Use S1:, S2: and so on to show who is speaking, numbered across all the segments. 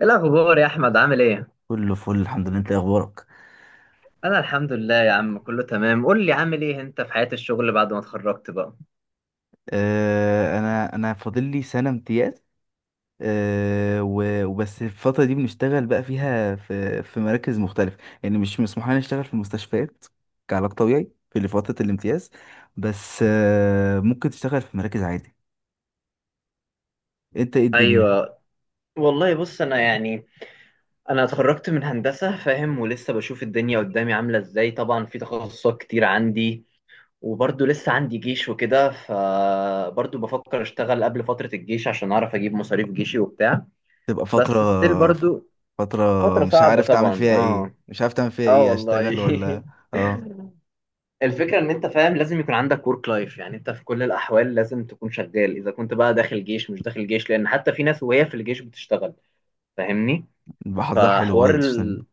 S1: ايه الاخبار يا احمد؟ عامل ايه؟
S2: كله فل، الحمد لله. انت ايه اخبارك؟
S1: انا الحمد لله يا عم، كله تمام. قول لي، عامل ايه انت في حياة الشغل بعد ما اتخرجت بقى؟
S2: انا فاضل لي سنه امتياز. وبس الفتره دي بنشتغل بقى فيها في مراكز مختلفه، يعني مش مسموح لنا نشتغل في مستشفيات كعلاج طبيعي في فتره الامتياز. بس ممكن تشتغل في مراكز عادي. انت ايه الدنيا؟
S1: ايوه، والله بص انا يعني انا اتخرجت من هندسة، فاهم؟ ولسه بشوف الدنيا قدامي عاملة ازاي. طبعا في تخصصات كتير عندي، وبرضه لسه عندي جيش وكده، فبرضه بفكر اشتغل قبل فترة الجيش عشان اعرف اجيب مصاريف جيشي وبتاع.
S2: تبقى فتره
S1: بس ستيل برضه
S2: فتره
S1: فترة
S2: مش
S1: صعبة
S2: عارف تعمل
S1: طبعا.
S2: فيها
S1: اه،
S2: ايه، مش عارف تعمل فيها
S1: اه
S2: ايه
S1: والله.
S2: اشتغل ولا. اه،
S1: الفكرة ان انت فاهم، لازم يكون عندك ورك لايف. يعني انت في كل الاحوال لازم تكون شغال، اذا كنت بقى داخل جيش مش داخل جيش، لان حتى في ناس وهي في الجيش بتشتغل. فاهمني؟
S2: بحظها حلو
S1: فحوار
S2: برضه.
S1: ال...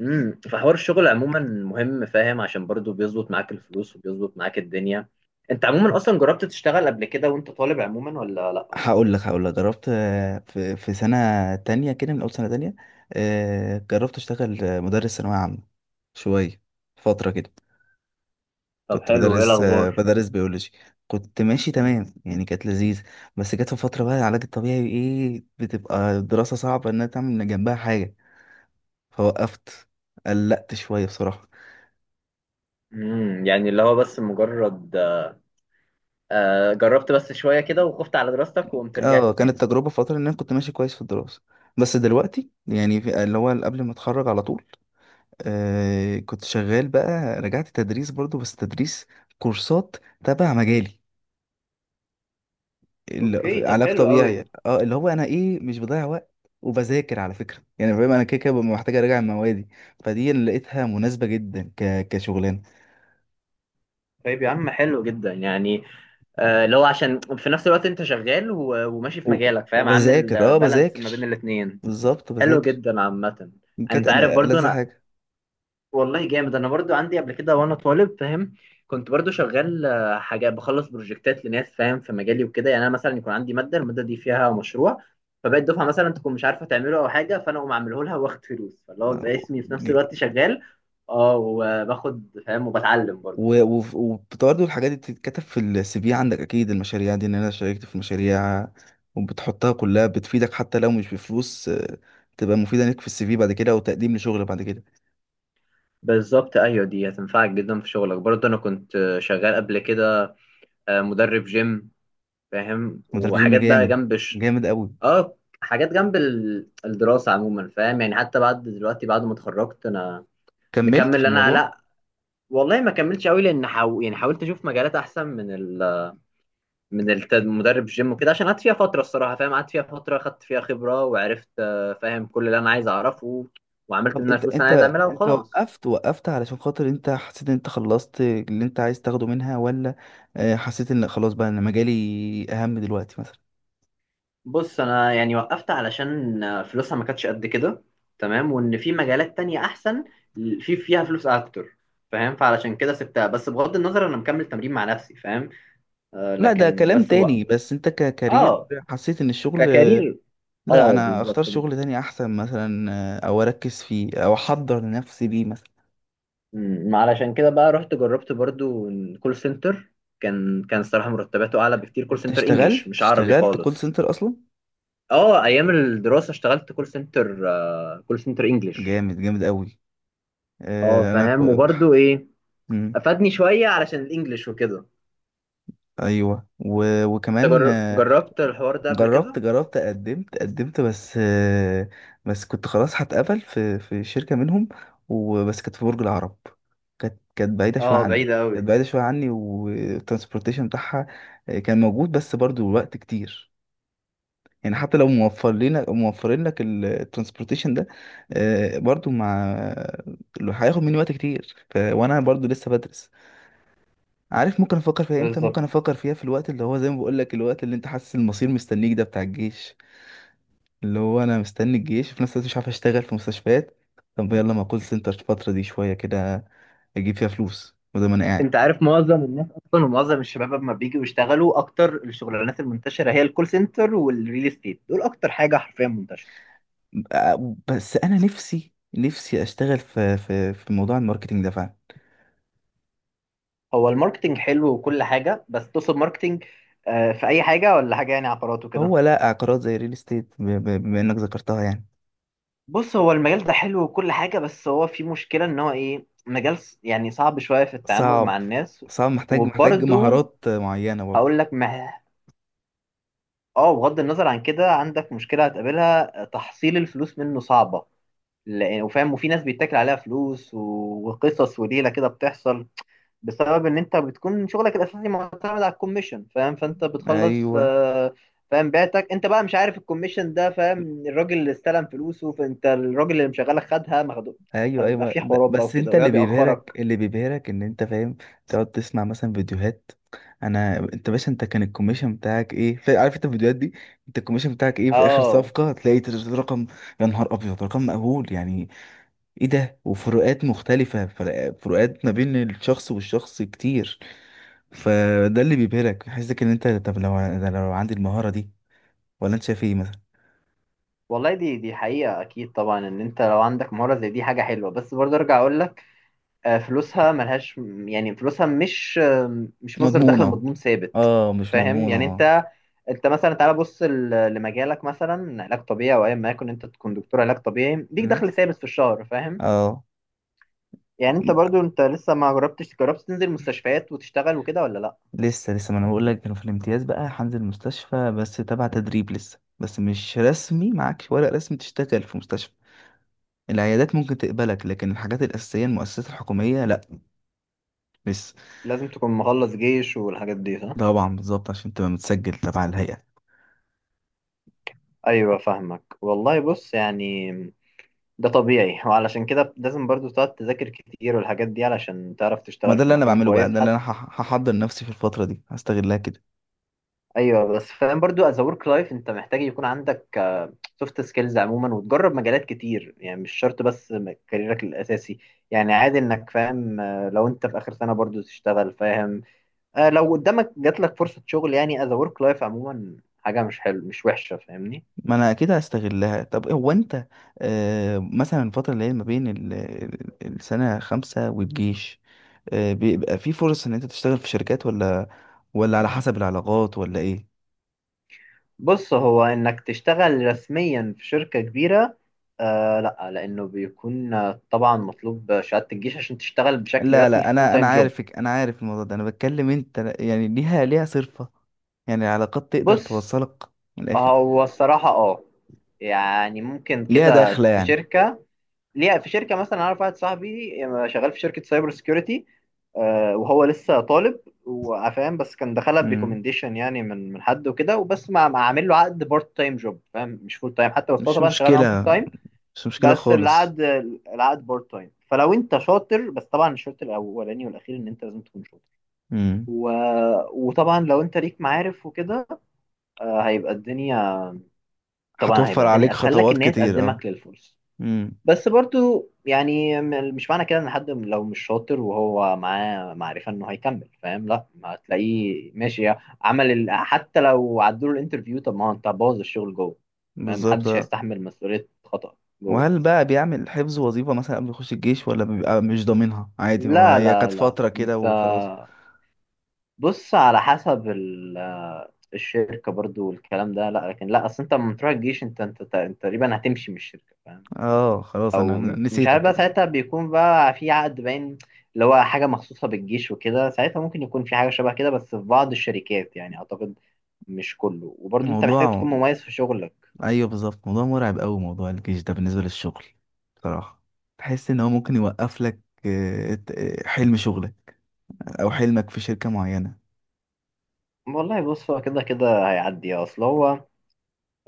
S1: فحوار الشغل عموما مهم، فاهم؟ عشان برضو بيظبط معاك الفلوس وبيظبط معاك الدنيا. انت عموما اصلا جربت تشتغل قبل كده وانت طالب عموما ولا لا؟
S2: هقول لك جربت، في سنة تانية كده، من أول سنة تانية. جربت أشتغل مدرس ثانوية عامة شوية، فترة كده.
S1: طب
S2: كنت
S1: حلو، ايه
S2: بدرس، آه،
S1: الاخبار؟
S2: بدرس بيولوجي. كنت ماشي تمام، يعني كانت لذيذ. بس جت في فترة بقى العلاج الطبيعي، إيه، بتبقى الدراسة صعبة إنها تعمل جنبها حاجة، فوقفت. قلقت شوية بصراحة.
S1: يعني اللي هو بس مجرد جربت بس شوية كده وخفت على دراستك وقمت رجعت
S2: اه، كانت
S1: تاني.
S2: تجربة فترة إن أنا كنت ماشي كويس في الدراسة، بس دلوقتي يعني في اللي هو قبل ما أتخرج على طول كنت شغال بقى، رجعت تدريس برضو، بس تدريس كورسات تبع مجالي،
S1: اوكي،
S2: في
S1: طب
S2: علاج
S1: حلو
S2: طبيعي.
S1: قوي.
S2: اه اللي هو انا ايه مش بضيع وقت، وبذاكر على فكرة. يعني فاهم، انا كده كده ببقى محتاج اراجع موادي، فدي اللي لقيتها مناسبة جدا كشغلانة.
S1: طيب يا عم حلو جدا يعني. اللي هو عشان في نفس الوقت انت شغال و- وماشي في
S2: و...
S1: مجالك، فاهم؟ عامل
S2: وبذاكر،
S1: بالانس ما بين
S2: بذاكر،
S1: الاتنين.
S2: بالظبط
S1: حلو
S2: بذاكر.
S1: جدا عامة.
S2: كانت
S1: انت عارف
S2: انا
S1: برضو
S2: ألذ
S1: انا،
S2: حاجة.
S1: والله جامد. انا برضو عندي قبل كده وانا طالب، فاهم؟ كنت برضو شغال حاجة بخلص بروجكتات لناس، فاهم؟ في مجالي وكده. يعني انا مثلا يكون عندي مادة، المادة دي فيها مشروع، فبقيت دفعة مثلا تكون مش عارفة تعمله او حاجة، فانا اقوم اعمله لها واخد فلوس، فاللي هو بقى اسمي في نفس الوقت شغال. اه وباخد، فاهم؟ وبتعلم برضو.
S2: وبرضه الحاجات دي بتتكتب في السي في عندك، اكيد، المشاريع دي، ان انا شاركت في مشاريع، وبتحطها كلها، بتفيدك حتى لو مش بفلوس. تبقى مفيدة ليك في السي في بعد كده وتقديم لشغل بعد كده.
S1: بالظبط، ايوه دي هتنفعك جدا في شغلك. برضه انا كنت شغال قبل كده مدرب جيم، فاهم؟
S2: مدرب جيم؟
S1: وحاجات بقى
S2: جامد،
S1: جنب.
S2: جامد قوي.
S1: اه، حاجات جنب الدراسه عموما، فاهم؟ يعني حتى بعد دلوقتي بعد ما اتخرجت انا
S2: كملت في
S1: مكمل، انا
S2: الموضوع؟
S1: لا، والله ما كملتش قوي لان يعني حاولت اشوف مجالات احسن من مدرب جيم وكده، عشان قعدت فيها فتره الصراحه، فاهم؟ قعدت فيها فتره خدت فيها خبره وعرفت فاهم؟ كل اللي انا عايز اعرفه. وعملت
S2: طب
S1: منها
S2: انت،
S1: فلوس انا عايز اعملها وخلاص.
S2: وقفت علشان خاطر انت حسيت ان انت خلصت اللي انت عايز تاخده منها، ولا حسيت ان خلاص بقى انا مجالي اهم دلوقتي مثلا؟
S1: بص انا يعني وقفت علشان فلوسها ما كانتش قد كده، تمام؟ وان في مجالات تانية احسن، في فيها فلوس اكتر، فاهم؟ فعلشان كده سبتها. بس بغض النظر انا مكمل تمرين مع نفسي، فاهم؟ آه
S2: لا، ده
S1: لكن
S2: كلام
S1: بس.
S2: تاني. بس انت ككارير
S1: اه
S2: حسيت ان الشغل،
S1: ككارير.
S2: لا
S1: اه
S2: انا
S1: بالظبط.
S2: اختار شغل تاني احسن مثلا، او اركز فيه او احضر نفسي ليه مثلا؟
S1: علشان كده بقى رحت جربت برضو كول سنتر. كان الصراحة مرتباته اعلى بكتير. كول
S2: انت
S1: سنتر انجلش
S2: اشتغلت
S1: مش عربي
S2: اشتغلت كول
S1: خالص.
S2: سنتر اصلا؟
S1: اه، ايام الدراسة اشتغلت كول سنتر، آه كول سنتر انجلش.
S2: جامد، جامد قوي.
S1: اه،
S2: آه، انا
S1: فاهم؟
S2: كو-
S1: وبرضو ايه،
S2: مم،
S1: افادني شويه علشان الانجليش وكده.
S2: ايوه.
S1: انت
S2: وكمان،
S1: جربت الحوار ده قبل
S2: جربت
S1: كده؟
S2: جربت قدمت، بس بس كنت خلاص هتقبل في شركة منهم، وبس كانت في برج العرب. كانت بعيدة شوية
S1: اه،
S2: عني.
S1: بعيدة
S2: كانت
S1: قوي.
S2: بعيدة شوية عني، والترانسبورتيشن بتاعها كان موجود، بس برضو وقت كتير. يعني حتى لو موفرين لك الترانسبورتيشن ده، برضو، مع لو هياخد مني وقت كتير وانا برضو لسه بدرس. عارف ممكن افكر فيها امتى؟
S1: بالظبط.
S2: ممكن افكر فيها في الوقت اللي هو زي ما بقول لك، الوقت اللي انت حاسس المصير مستنيك، ده بتاع الجيش. اللي هو انا مستني الجيش، وفي نفس الوقت مش عارف اشتغل في مستشفيات. طب يلا، ما كول سنتر الفترة دي شوية كده، اجيب فيها فلوس، وده ما انا قاعد.
S1: انت عارف معظم الناس اصلا ومعظم الشباب لما بيجوا يشتغلوا، اكتر الشغلانات المنتشره هي الكول سنتر والريل استيت. دول اكتر حاجه حرفيا منتشره.
S2: بس انا نفسي اشتغل في موضوع الماركتينج ده فعلا.
S1: هو الماركتنج حلو وكل حاجه، بس تقصد ماركتنج في اي حاجه ولا حاجه؟ يعني عقارات وكده.
S2: هو لا، عقارات زي الريل استيت، بما انك ذكرتها يعني.
S1: بص، هو المجال ده حلو وكل حاجه، بس هو في مشكله، ان هو ايه، مجال يعني صعب شويه في التعامل مع
S2: صعب،
S1: الناس.
S2: صعب، محتاج
S1: وبرده
S2: مهارات معينة
S1: هقول
S2: برضه.
S1: لك، اه بغض النظر عن كده، عندك مشكلة هتقابلها، تحصيل الفلوس منه صعبة. لأن، وفاهم، وفي ناس بيتاكل عليها فلوس و- وقصص وليلة كده بتحصل، بسبب إن أنت بتكون شغلك الأساسي معتمد على الكوميشن، فاهم؟ فأنت بتخلص
S2: ايوه،
S1: فاهم؟ بعتك أنت بقى، مش عارف الكوميشن ده، فاهم؟ الراجل اللي استلم فلوسه فأنت الراجل اللي مشغلك خدها مخدوع.
S2: ايوه،
S1: فبيبقى
S2: ايوه،
S1: في
S2: لا،
S1: حوارات بقى
S2: بس
S1: وكده،
S2: انت اللي
S1: ويقعد
S2: بيبهرك،
S1: يأخرك.
S2: ان انت فاهم، تقعد تسمع مثلا فيديوهات: انا انت باشا، انت كان الكوميشن بتاعك ايه؟ عارف انت الفيديوهات دي؟ انت الكوميشن بتاعك ايه في اخر
S1: اه
S2: صفقة؟ هتلاقي رقم. يا نهار ابيض، رقم مقبول يعني؟ ايه ده؟ وفروقات مختلفة، فروقات ما بين الشخص والشخص كتير. فده اللي بيبهرك، يحسسك ان انت طب لو عندي المهارة دي، ولا انت شايف ايه مثلا؟
S1: والله دي حقيقة أكيد طبعا، إن أنت لو عندك مهارة زي دي حاجة حلوة، بس برضه أرجع أقول لك فلوسها ملهاش. يعني فلوسها مش مش مصدر دخل
S2: مضمونة؟
S1: مضمون ثابت،
S2: اه، مش
S1: فاهم؟
S2: مضمونة،
S1: يعني
S2: اه.
S1: انت، انت مثلا تعالى بص لمجالك، مثلا علاج طبيعي او ايا ما يكن. انت تكون دكتور علاج طبيعي ليك
S2: مم.
S1: دخل ثابت في الشهر، فاهم؟
S2: اه،
S1: يعني انت برضو، انت لسه ما جربتش، جربت تنزل مستشفيات وتشتغل وكده ولا لا؟
S2: لسه ما انا بقول لك، كانوا في الامتياز بقى هنزل مستشفى، بس تبع تدريب لسه، بس مش رسمي، معاكش ورق رسمي تشتغل في مستشفى. العيادات ممكن تقبلك، لكن الحاجات الأساسية المؤسسات الحكومية لا، لسه.
S1: لازم تكون مخلص جيش والحاجات دي، صح؟
S2: طبعا، بالظبط، عشان تبقى متسجل تبع الهيئة.
S1: ايوه، فاهمك. والله بص يعني ده طبيعي، وعلشان كده لازم برضو تقعد تذاكر كتير والحاجات دي علشان تعرف
S2: ما
S1: تشتغل
S2: ده
S1: في
S2: اللي انا
S1: مكان
S2: بعمله بقى،
S1: كويس
S2: ده اللي
S1: حتى.
S2: انا هحضر نفسي في الفترة دي، هستغلها كده.
S1: ايوه، بس فاهم برضو از ورك لايف انت محتاج يكون عندك سوفت سكيلز عموما، وتجرب مجالات كتير. يعني مش شرط بس كاريرك الاساسي. يعني عادي انك، فاهم؟ لو انت في اخر سنه برضو تشتغل، فاهم؟ لو قدامك جات لك فرصه شغل، يعني از ورك لايف عموما حاجه مش حلو، مش وحشه، فاهمني؟
S2: ما انا اكيد هستغلها. طب هو انت، مثلا الفتره اللي هي ما بين السنه 5 والجيش، بيبقى في فرص ان انت تشتغل في شركات، ولا ولا على حسب العلاقات، ولا ايه؟
S1: بص، هو انك تشتغل رسميا في شركه كبيره، آه لا، لانه بيكون طبعا مطلوب شهاده الجيش عشان تشتغل بشكل
S2: لا،
S1: رسمي
S2: لا،
S1: في فول
S2: انا
S1: تايم جوب.
S2: عارفك، انا عارف الموضوع ده. انا بتكلم انت يعني ليها، صرفه، يعني العلاقات تقدر
S1: بص
S2: توصلك، من الاخر،
S1: هو الصراحة اه، يعني ممكن
S2: ليها
S1: كده
S2: دخله
S1: في
S2: يعني؟
S1: شركة. ليه في شركة مثلا، أنا أعرف واحد صاحبي شغال في شركة سايبر سيكيورتي، وهو لسه طالب، وفاهم، بس كان دخلها
S2: مم.
S1: بريكومنديشن. يعني من حد وكده، وبس ما عامل له عقد بارت تايم جوب، فاهم؟ مش فول تايم حتى، بس هو
S2: مش
S1: طبعا شغال معاهم فول
S2: مشكله،
S1: تايم.
S2: مش مشكله
S1: بس
S2: خالص.
S1: العقد بارت تايم. فلو انت شاطر، بس طبعا الشرط الاولاني والاخير ان انت لازم تكون شاطر.
S2: مم.
S1: و... وطبعا لو انت ليك معارف وكده هيبقى الدنيا، طبعا هيبقى
S2: هتوفر
S1: الدنيا
S2: عليك
S1: اسهل لك
S2: خطوات
S1: ان هي
S2: كتير، اه.
S1: تقدمك للفرصه.
S2: مم.
S1: بس برضو يعني مش معنى كده ان حد لو مش شاطر وهو معاه معرفه انه هيكمل، فاهم؟ لا، ما هتلاقيه ماشي. حتى لو عدوا له الانترفيو، طب ما هو انت بوظ الشغل جوه، فاهم؟
S2: بالظبط.
S1: محدش هيستحمل مسؤوليه خطأ جوه.
S2: وهل بقى بيعمل الحفظ وظيفة مثلا قبل يخش الجيش، ولا بيبقى مش ضامنها عادي
S1: لا
S2: وهي
S1: لا
S2: كانت
S1: لا،
S2: فترة كده
S1: انت
S2: وخلاص؟
S1: بص، على حسب الشركه برضو والكلام ده. لا لكن لا، اصل انت لما تروح الجيش، انت انت تقريبا هتمشي من الشركه، فاهم؟
S2: اه، خلاص،
S1: او
S2: انا
S1: مش عارف
S2: نسيتك
S1: بقى،
S2: أنا.
S1: ساعتها بيكون بقى في عقد باين، اللي هو حاجه مخصوصه بالجيش وكده. ساعتها ممكن يكون في حاجه شبه كده، بس في بعض الشركات يعني اعتقد، مش كله. وبرضه انت محتاج
S2: موضوع
S1: تكون مميز في شغلك.
S2: ايوه، بالظبط، موضوع مرعب قوي موضوع الجيش ده بالنسبة للشغل، بصراحة. تحس ان هو ممكن يوقف لك حلم شغلك، او حلمك في شركة معينة.
S1: والله بص هو كده كده هيعدي، اصل هو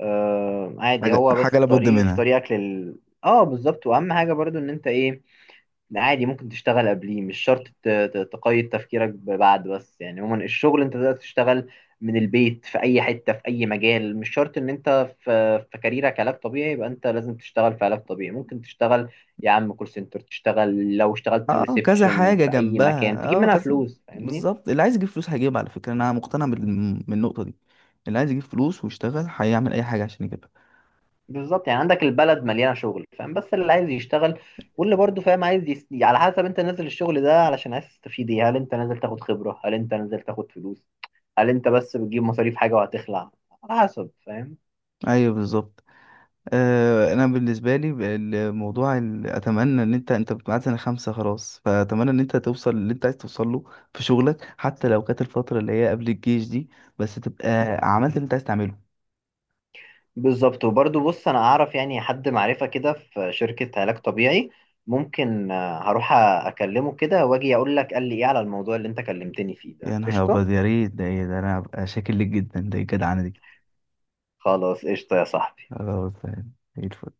S1: آه عادي.
S2: حاجة
S1: هو
S2: حاجة
S1: بس
S2: لابد
S1: طريق في
S2: منها.
S1: طريقك. اه بالظبط. واهم حاجه برضه ان انت ايه، عادي ممكن تشتغل قبليه، مش شرط تقيد تفكيرك بعد. بس يعني عموما الشغل انت تقدر تشتغل من البيت في اي حته في اي مجال، مش شرط ان انت في في كاريرك علاج طبيعي يبقى انت لازم تشتغل في علاج طبيعي. ممكن تشتغل يا عم كول سنتر، تشتغل لو اشتغلت
S2: اه كذا
S1: ريسبشن
S2: حاجة
S1: في اي مكان
S2: جنبها،
S1: تجيب منها
S2: كذا.
S1: فلوس، فاهمني؟
S2: بالظبط، اللي عايز يجيب فلوس هيجيب، على فكرة انا مقتنع بالنقطة دي. اللي عايز يجيب فلوس ويشتغل هيعمل اي حاجة عشان يجيبها.
S1: بالظبط، يعني عندك البلد مليانه شغل، فاهم؟ بس اللي عايز يشتغل. واللي برضه فاهم عايز. على حسب انت نازل الشغل ده علشان عايز تستفيد ايه، هل انت نازل تاخد خبره، هل انت نازل تاخد فلوس، هل انت بس بتجيب مصاريف حاجه وهتخلع؟ على حسب، فاهم؟
S2: ايوه، بالظبط. انا بالنسبه لي الموضوع، اتمنى ان انت معاك سنه 5 خلاص، فاتمنى ان انت توصل اللي انت عايز توصل له في شغلك، حتى لو كانت الفتره اللي هي قبل الجيش دي، بس تبقى عملت اللي انت عايز تعمله.
S1: بالظبط. وبرضه بص، انا اعرف يعني حد معرفه كده في شركه علاج طبيعي، ممكن هروح اكلمه كده واجي اقول لك قال لي ايه على الموضوع اللي انت كلمتني فيه
S2: يا
S1: ده.
S2: نهار
S1: قشطه.
S2: ابيض، يا ريت ده. ايه ده. انا هبقى شاكر لك جدا. ده إيه الجدعنه دي؟
S1: خلاص، قشطه يا صاحبي.
S2: خلاص يعني، زي الفل.